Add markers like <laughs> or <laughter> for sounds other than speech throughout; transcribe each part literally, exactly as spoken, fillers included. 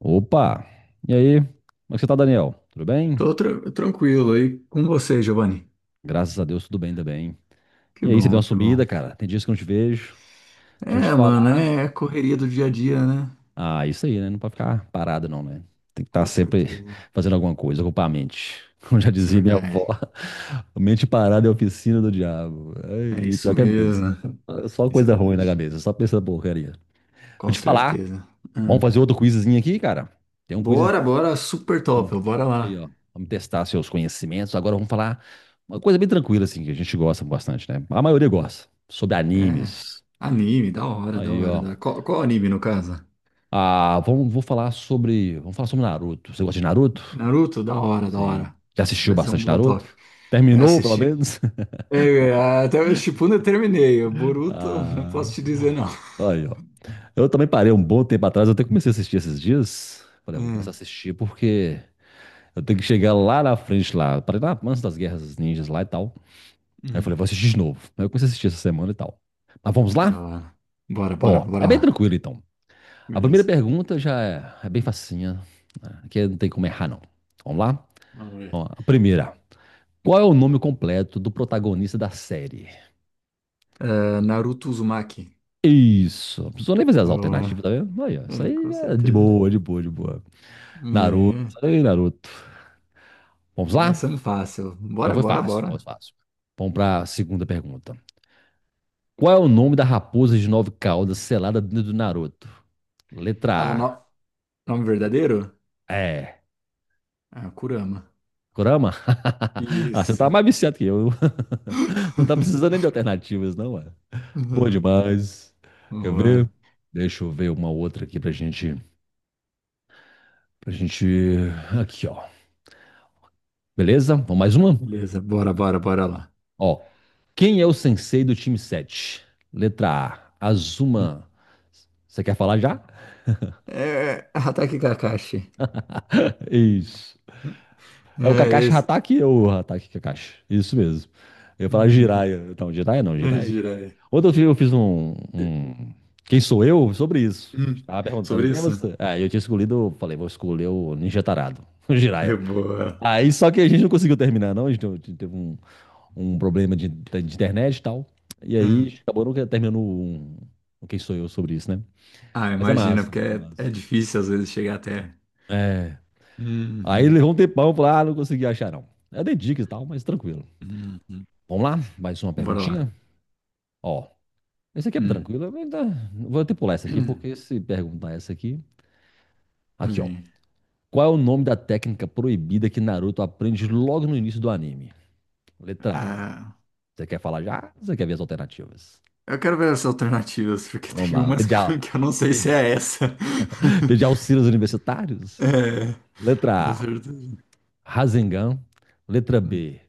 Opa! E aí? Como é que você tá, Daniel? Tudo bem? Tô tra- tranquilo aí com você, Giovanni. Graças a Deus, tudo bem também. Que E aí, você deu bom, uma que sumida, bom. cara? Tem dias que eu não te vejo. Deixa eu te É, mano, falar. é correria do dia a dia, né? Ah, isso aí, né? Não pode ficar parado, não, né? Tem que estar Com sempre certeza. <laughs> fazendo alguma coisa, ocupar a mente. <laughs> Como já Isso é dizia minha avó, verdade. <laughs> mente parada é a oficina do diabo. É Ai, e isso pior que é mesmo. mesmo. Só Isso é coisa ruim na verdade. cabeça, só pensa porcaria. Vou Com te falar. certeza. Vamos Hum. fazer outro quizinho aqui, cara? Tem um quiz. Bora, bora, super Vamos- top, bora Aí, lá. ó. Vamos testar seus conhecimentos. Agora vamos falar uma coisa bem tranquila, assim, que a gente gosta bastante, né? A maioria gosta. Sobre É, animes. anime, da hora, da Aí, hora, ó. da hora. Qual, qual anime, no caso? Ah, vamos, vou falar sobre. Vamos falar sobre Naruto. Você gosta de Naruto? Naruto, da hora, da Sim. hora. Já assistiu Vai ser um bastante bom Naruto? top. Eu Terminou, pelo assisti. menos? <laughs> É, até o Shippuden eu terminei. O Boruto, <laughs> não Ah, posso te dizer não. aí, ó. Eu também parei um bom tempo atrás, eu até comecei a assistir esses dias. Falei, "Ah, vou começar a É. assistir porque eu tenho que chegar lá na frente, lá. Parei lá antes das guerras ninjas lá e tal. Aí eu falei, Hum. vou assistir de novo. Aí eu comecei a assistir essa semana e tal. Mas vamos Da lá? hora. Bora, bora, Ó, é bora bem lá. tranquilo então. A primeira Beleza. pergunta já é, é bem facinha, né? Aqui não tem como errar, não. Vamos lá? Vamos ver. Ó, a primeira. Qual é o nome completo do protagonista da série? É, Naruto Uzumaki. Isso. Não precisou nem fazer as alternativas, Boa. tá vendo? Aí, ó, isso É, aí com é de certeza. boa, de boa, de boa. Naruto. É, Aí, Naruto. Vamos lá? começando fácil. Já Bora, foi bora, fácil, foi bora. fácil. Vamos para a segunda pergunta. Qual é o nome da raposa de nove caudas selada dentro do Naruto? Ah, o Letra no- nome verdadeiro? A. É. Ah, Kurama. Kurama? <laughs> Ah, você tá Isso. mais viciado que eu. <laughs> Não tá precisando <laughs> nem de alternativas, não, é? Bom Uhum. demais. Quer Boa. ver? Deixa eu ver uma outra aqui pra gente. Pra gente. Aqui, ó. Beleza? Vamos mais uma? Beleza, bora, bora, bora lá. Ó. Quem é o sensei do time sete? Letra A, Azuma. Você quer falar já? É, Hatake Kakashi. <laughs> Isso. É o É, Kakashi isso. Hatake ou o Hatake Kakashi? Isso mesmo. Eu ia falar Uhum. Jiraiya. Não, Jiraiya não, É, Jiraiya, Jiraiya. Jiraiya. Ontem eu fi- eu fiz um, um Quem sou eu? Sobre isso. Hum, Estava perguntando, Sobre quem é isso? você? Ah, eu tinha escolhido, eu falei, vou escolher o Ninja Tarado, <laughs> o É Jiraiya. boa. Aí só que a gente não conseguiu terminar, não. A gente teve teve um, um problema de, de internet e tal. E aí acabou nunca terminando um, um Quem sou eu sobre isso, né? Ah, Mas é imagina, massa, porque muito é, é massa. difícil às vezes chegar até. É. Aí Uhum, levou um tempão, eu falei, ah, não consegui achar, não. É de dicas e tal, mas tranquilo. uhum. Vamos lá? Mais uma Bora perguntinha? lá. Ó, esse aqui é Hum. tranquilo. eu ainda- Vou até pular essa aqui, porque <clears throat> se perguntar essa aqui. Aqui, ó. Vem. Qual é o nome da técnica proibida que Naruto aprende logo no início do anime? Letra A. Ah, Você quer falar já? Você quer ver as alternativas? eu quero ver as alternativas, porque Então, vamos tem lá. umas <laughs> Pedir, que a... eu, que eu não sei se é essa. Pedir <laughs> auxílios universitários? É, Letra com A. certeza. Rasengan. Letra Hum, B.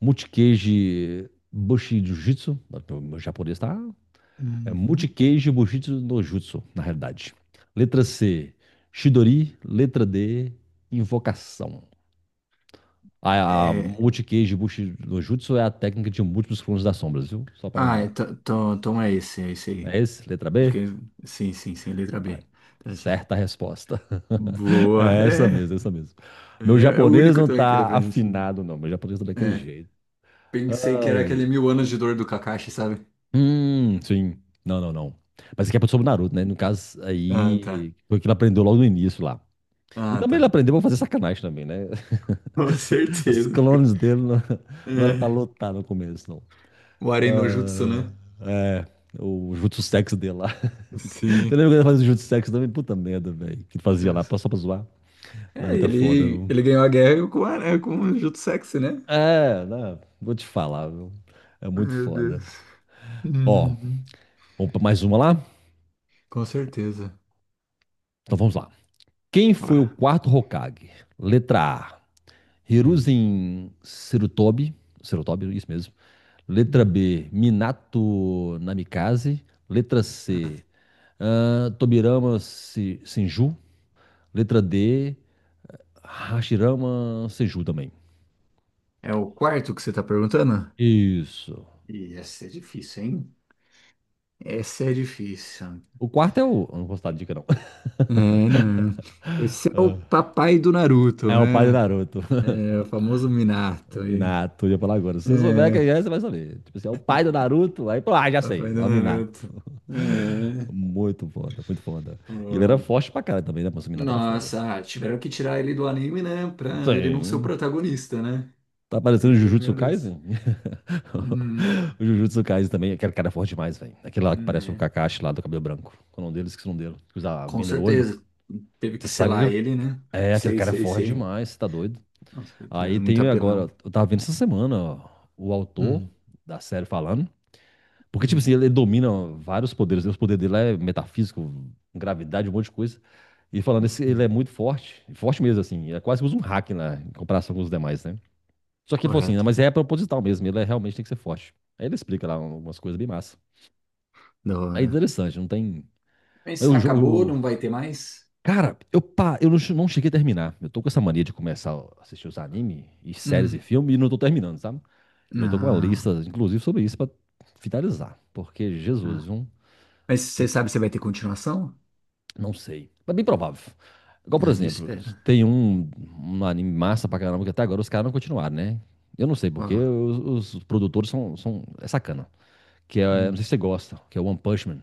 Multikage Bushi Jujutsu. Meu japonês tá. É Uhum. Multicage Bushitsu no Jutsu, na realidade. Letra C, Shidori. Letra D, Invocação. A, a É, Multicage Bushitsu no Jutsu é a técnica de múltiplos clones das sombras, viu? Só pra ah, é, lembrar. to- to- toma esse, é esse É aí. esse? Letra Acho B? que é- sim, sim, sim, letra Ah, B. Tá, certa resposta. <laughs> boa, É essa é. mesmo, é essa mesmo. É, Meu é o japonês único não também que era tá pra gente. afinado, não. Meu japonês tá daquele É, jeito. pensei que Ai, era ai, ai. aquele mil anos de dor do Kakashi, sabe? Hum, sim. Não, não, não. Mas aqui é sobre o Naruto, né? No caso, Ah, tá. aí foi o que ele aprendeu logo no início lá. E Ah, também ele tá. aprendeu a fazer sacanagem também, né? <laughs> Com <laughs> Os certeza. clones dele não, não era pra É. lutar no começo, não. O Aren no Jutsu, Ah, né? é, o Jutsu Sex dele lá. <laughs> Você Sim. lembra quando ele fazia o Jutsu Sex também? Puta merda, velho. Que fazia lá Nossa. só pra zoar. É, Naruto é foda, ele, viu? ele ganhou a guerra com, o Aren- com o Jutsu Sexy, né? É, né? Vou te falar, viu? É muito Meu foda. Deus. Ó, Uhum. vamos pra mais uma lá? Com certeza. Então vamos lá. Quem foi o Bora. quarto Hokage? Letra A, Hum. Hiruzen Serutobi, Serutobi, isso mesmo. Letra Hum. B, Minato Namikaze. Letra C, Ah, ah, Tobirama Se- Senju. Letra D, Hashirama Senju também. é o quarto que você tá perguntando? Isso. E essa é difícil, hein? Essa é difícil. O quarto é o. Eu não vou dar dica, não. <laughs> É, né? Esse é o papai do É Naruto, o pai do né? Naruto. <laughs> É o famoso Minato O aí. Minato, eu ia falar agora. Se você souber É. quem é, você vai saber. Tipo assim, é o pai do Naruto. Aí, pô, ah, já sei. Papai do É o Minato. Naruto. <laughs> É. Muito foda, muito foda. E ele era Bom. forte pra caralho também, né? Mas o Minato era foda. Nossa, ah, tiveram que tirar ele do anime, né? Pra ele não ser o Sim. protagonista, né? Tá parecendo o Porque, Jujutsu meu Deus. Kaisen? Uhum, <laughs> O Jujutsu Kaisen também. Aquele cara é forte demais, velho. Aquele lá que parece o né? Kakashi lá do cabelo branco. Qual é o nome dele? Esqueci o nome dele. Que usa a Com venda no olho. certeza. Teve que Você sabe que selar aquele. ele, né? É, aquele Sei, cara é sei, forte sei. demais. Você tá doido? Com Aí certeza, muito tem apelão. agora. Eu tava vendo essa semana, ó, o autor Hum, da série falando. Porque, tipo hum, assim, ele domina vários poderes, né? Os poderes dele lá é metafísico, gravidade, um monte de coisa. E falando, esse, ele hum. é muito forte, forte mesmo, assim. É quase que usa um hack lá, em comparação com os demais, né? Só que ele falou assim, "Não, Correto. mas é proposital mesmo, ele é- realmente tem que ser forte. Aí ele explica lá umas coisas bem massa. Da É hora. interessante, não tem. Mas Mas o acabou, jogo. não vai ter mais? Cara, eu, pa, eu não, che- não cheguei a terminar. Eu tô com essa mania de começar a assistir os anime e séries e Hum. filmes e não tô terminando, sabe? Eu tô com uma Não, lista, inclusive, sobre isso pra finalizar. Porque, Jesus, não. viu? Mas você sabe se vai ter continuação? Não sei. Mas bem provável. Igual, por Ah, eu exemplo, espero. tem um, um, anime massa pra caramba que até agora os caras não continuaram, né? Eu não sei, porque Qual? os, os produtores são, são. É sacana. Que é, não sei Hum. se você gosta, que é One Punch Man.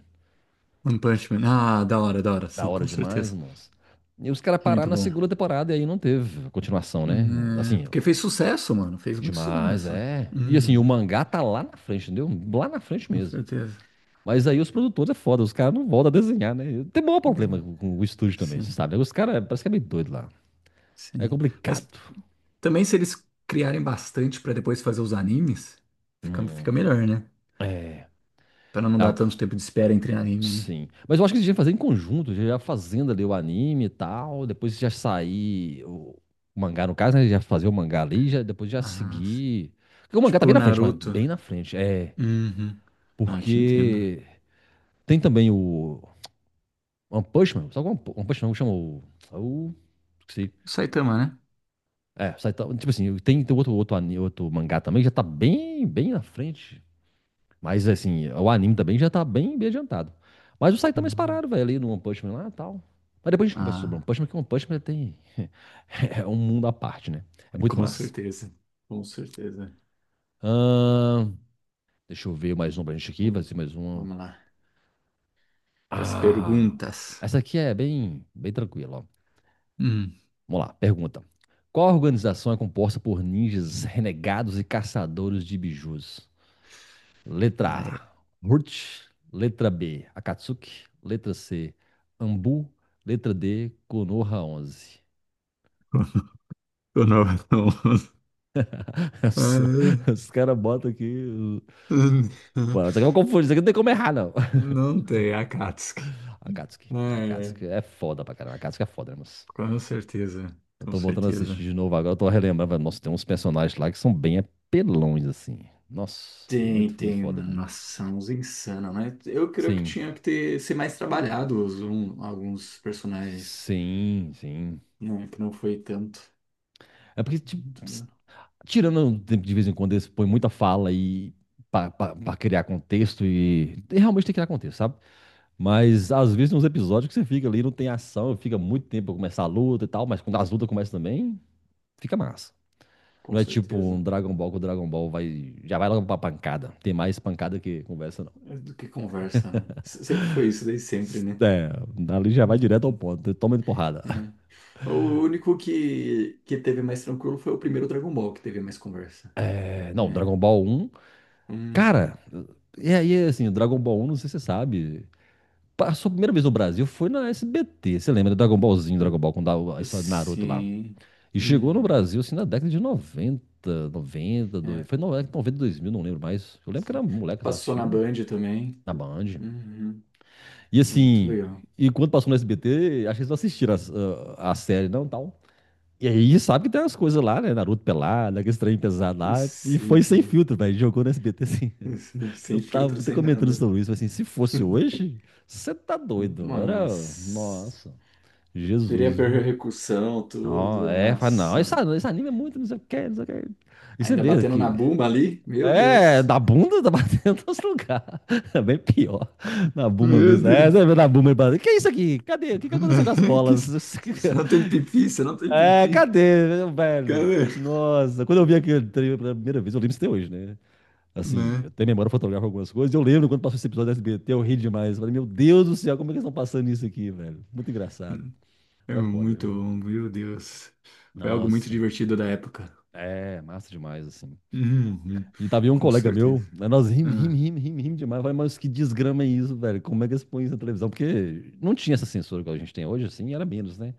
One Punch Man. Ah, da hora, da hora. Da Sim, hora com demais, certeza. moço. E os caras pararam Muito na bom. segunda temporada e aí não teve continuação, né? Hum, é, Assim, ó, porque fez sucesso, mano. Fez muito demais, sucesso. é. E assim, o Uhum, mangá tá lá na frente, entendeu? Lá na frente com mesmo. certeza. Mas aí os produtores é foda, os caras não voltam a desenhar, né? Tem maior problema Hum, com o estúdio também, você sim, sabe, né? Os caras parece que é meio doido lá. É sim. Mas complicado. também se eles criarem bastante pra depois fazer os animes, fica, Hum, fica melhor, né? é. Pra não dar Ah, tanto tempo de espera entre anime, né? sim. Mas eu acho que eles deviam fazer em conjunto, já fazendo ali o anime e tal, depois já sair o o mangá, no caso, né? Já fazer o mangá ali, já, depois já Ah, sim. seguir. Porque o mangá tá bem Tipo na frente, mas Naruto. bem na frente. É. Uhum. Ah, te entendo. Porque tem também o One Punch Man, sabe o One Pu- One Punch Man, como chama o, é o, esqueci. O Saitama, né? É, Saitama, tipo assim, tem, tem outro, outro, ani- outro mangá também, que já tá bem, bem na frente. Mas assim, o anime também já tá bem, bem adiantado. Mas o Saitama eles Uhum. pararam, velho, ali no One Punch Man lá e tal. Mas depois a gente conversa sobre o One Ah, Punch Man, que o One Punch Man tem. <laughs> É um mundo à parte, né? É muito com massa. certeza. Com certeza. Ahn, Deixa eu ver mais um pra gente aqui, vai Hum, ser mais uma. Vamos lá. Pras Ah! perguntas. Essa aqui é bem, bem tranquila, ó. Hum. Vamos lá, pergunta. Qual organização é composta por ninjas renegados e caçadores de bijus? Letra Ah, é. A, Murt. Letra B, Akatsuki. Letra C, Ambu. Letra D, Konoha onze. <laughs> Eu não, não, Os, ah, <laughs> é. os caras botam aqui. o- <laughs> Pô, isso aqui eu confundi, isso aqui não tem como errar, não. <laughs> Não tem Akatsuki. Akatsuki. Ah, é. Akatsuki é foda pra caramba. Akatsuki é foda, né, moço? Com certeza, Eu com tô voltando a assistir certeza. de novo agora, eu tô relembrando, velho. Nossa, tem uns personagens lá que são bem apelões, assim. Nossa, muito, Tem, muito tem, foda. mano. Nossa, uns insano, né? Eu creio que Sim, tinha que ter, ser mais trabalhado os- um- alguns personagens. sim, sim. Não, que não foi tanto. É porque, tipo, Muito, né? tirando de vez em quando, eles põem muita fala e para criar contexto e, e realmente tem que criar contexto, sabe? Mas às vezes tem uns episódios que você fica ali, não tem ação, fica muito tempo pra começar a luta e tal, mas quando as lutas começam também, fica massa. Com Não é tipo um certeza. Dragon Ball que o Dragon Ball vai, já vai logo pra pancada. Tem mais pancada que conversa, não. É do que conversa, né? S- Sempre foi isso, desde sempre, né? É, dali já vai direto ao Uhum. ponto, toma de porrada. É. O único que, que teve mais tranquilo foi o primeiro Dragon Ball, que teve mais conversa, É, não, né? Dragon Ball um Uhum. cara, e aí assim, Dragon Ball um não sei se você sabe. Passou a primeira vez no Brasil, foi na S B T. Você lembra do Dragon Ballzinho, Uh, Dragon Ball, com da- a história do Naruto lá. Sim. E chegou no Uhum. Brasil, assim, na década de noventa noventa do- É, foi no- noventa dois mil, não lembro mais. Eu lembro que era sim. moleque lá Passou na assistindo, Band também. na Band. Uhum. E Muito assim, legal. e quando passou no S B T, acho que eles não assistiram as- a, a série, não, tal. E aí, sabe que tem umas coisas lá, né? Naruto pelado, aquele trem pesado lá. E Sim, foi sem sim. filtro, velho. Jogou no S B T, assim. Sim, <laughs> Eu sem tava filtro, até sem comentando nada. sobre isso, assim, se fosse hoje, você tá doido, velho. Era... Nossa. nossa... Teria Jesus, viu? percussão, Não, tudo. é, fala, não, esse, Nossa. an- esse anime é muito, não sei o que, não sei o que. E você Ainda vê batendo na que. bumba ali? Meu É, Deus. da bunda tá <laughs> batendo nos lugares. <laughs> É bem pior. Na buma Meu mesmo. É, Deus. você vê na buma e bate. Que é isso aqui? Cadê? O que que aconteceu com as <laughs> Que bolas? isso? Você não <laughs> tem pipi, você não tem É, pipi. cadê, velho? Cara, Nossa, quando eu vi aquele trailer pela primeira vez, eu lembro isso até hoje, né? Assim, né? eu tenho memória fotográfica algumas coisas. Eu lembro quando passou esse episódio da S B T, eu ri demais. Eu falei, meu Deus do céu, como é que eles estão passando isso aqui, velho? Muito engraçado. É É foda, muito viu? bom, meu Deus. Foi algo muito Nossa, divertido da época. é massa demais, assim. Uhum, E tava aí um com colega certeza. meu, né, nós rim, rim, Ah, rim, rim, rim demais. Eu falei, mas que desgrama é isso, velho? Como é que eles põem isso na televisão? Porque não tinha essa censura que a gente tem hoje, assim, era menos, né?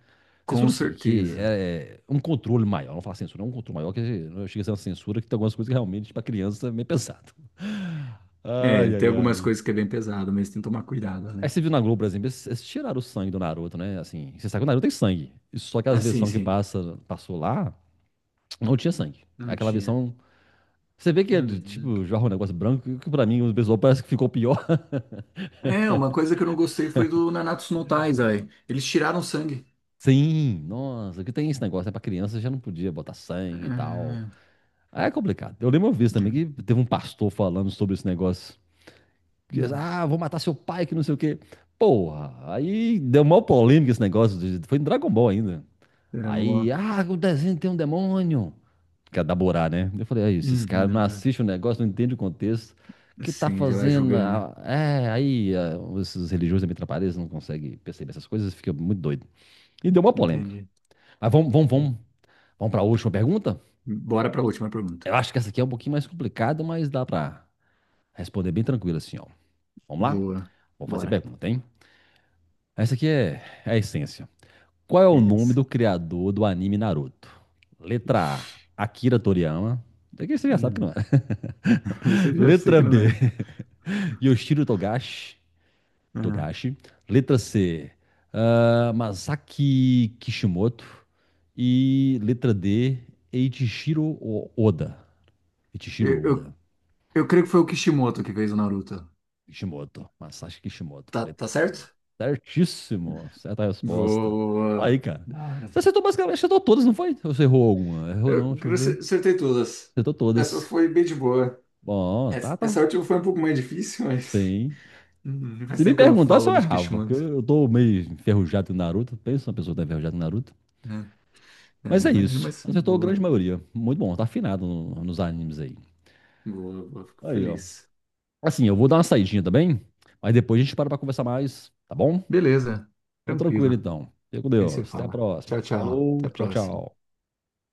com Censura, assim, que certeza. é é um controle maior. Não falar censura, é um controle maior, que chega a ser uma censura, que tem algumas coisas que, realmente, pra criança, é meio pesado. É, Ai, tem ai, algumas ai. coisas que é bem pesado, mas tem que tomar cuidado, Aí né? você viu na Globo, por exemplo, eles, eles tiraram o sangue do Naruto, né? Assim, você sabe que o Naruto tem sangue. Só que as Ah, sim, versões que sim. passa, passou lá, não tinha sangue. Não Aquela tinha. versão... Você vê que ele, Uhum. tipo, joga um negócio branco, que pra mim o pessoal parece que ficou pior. <laughs> É, uma coisa que eu não gostei foi do Nanatsu no Taizai. Eles tiraram sangue. Sim, nossa, que tem esse negócio, né? Pra criança já não podia botar sangue e tal. Ah, Aí é complicado. Eu lembro uma vez também que teve um pastor falando sobre esse negócio. Que, hum, ah, vou matar seu pai, que não sei o quê. Porra, aí deu maior polêmica esse negócio. de- Foi em Dragon Ball ainda. Dragon Aí, Ball. ah, o desenho tem um demônio, que é da Borá, né? Eu falei, aí, esses caras não Uhum, assistem o negócio, não entendem o contexto. O ah, que tá sim, já vai fazendo? julgando. Ah, é, aí, ah, esses religiosos da Mitrapariz não conseguem perceber essas coisas, fica muito doido. E deu uma polêmica. Entendi. Mas vamos, vamos, vamos, vamos para a última pergunta? Bora pra última pergunta. Eu acho que essa aqui é um pouquinho mais complicada, mas dá para responder bem tranquilo assim, ó. Vamos lá? Boa. Vou fazer a Bora. pergunta, hein? Essa aqui é, é a essência. Qual é o nome Beleza. do criador do anime Naruto? Letra Ixi. A, Akira Toriyama. Daqui você já sabe que não Hum. é. <laughs> Esse eu <laughs> já sei Letra que não B, é. Yoshiro Togashi, Ah. Togashi. Letra C, ah, Masaki Kishimoto. E letra D, Eiichiro Oda. Eiichiro Eu, Oda. eu, eu creio que foi o Kishimoto que fez o Naruto. Kishimoto. Masashi Kishimoto. Tá, Letra tá C. certo? Certíssimo. Certa resposta. Aí, Boa. cara. Da Você hora. acertou basicamente, acertou todas, não foi? Ou você errou alguma? Errou Eu, não, deixa eu eu ver. acer- acertei todas. Acertou Essa todas. foi bem de boa. Bom, Essa, tá, essa tá. última foi um pouco mais difícil, <laughs> mas. Sim. Hum, Se Faz me tempo que eu não perguntasse, falo eu dos errava. Porque eu Kishimoto. eu tô meio enferrujado em Naruto. Pensa uma pessoa que tá enferrujada em Naruto. Né? Ah, Mas é imagino, isso. mas foi de Acertou a grande boa. maioria. Muito bom, tá afinado no- nos animes aí. Boa, boa. Fico Aí, ó. feliz. Assim, eu vou dar uma saidinha também, mas depois a gente para pra conversar mais, tá bom? Beleza. Então, tranquilo Tranquilo. então. Fica com Aí se Deus. Até a fala. próxima. Tchau, tchau. Até Falou, a tchau, próxima. tchau.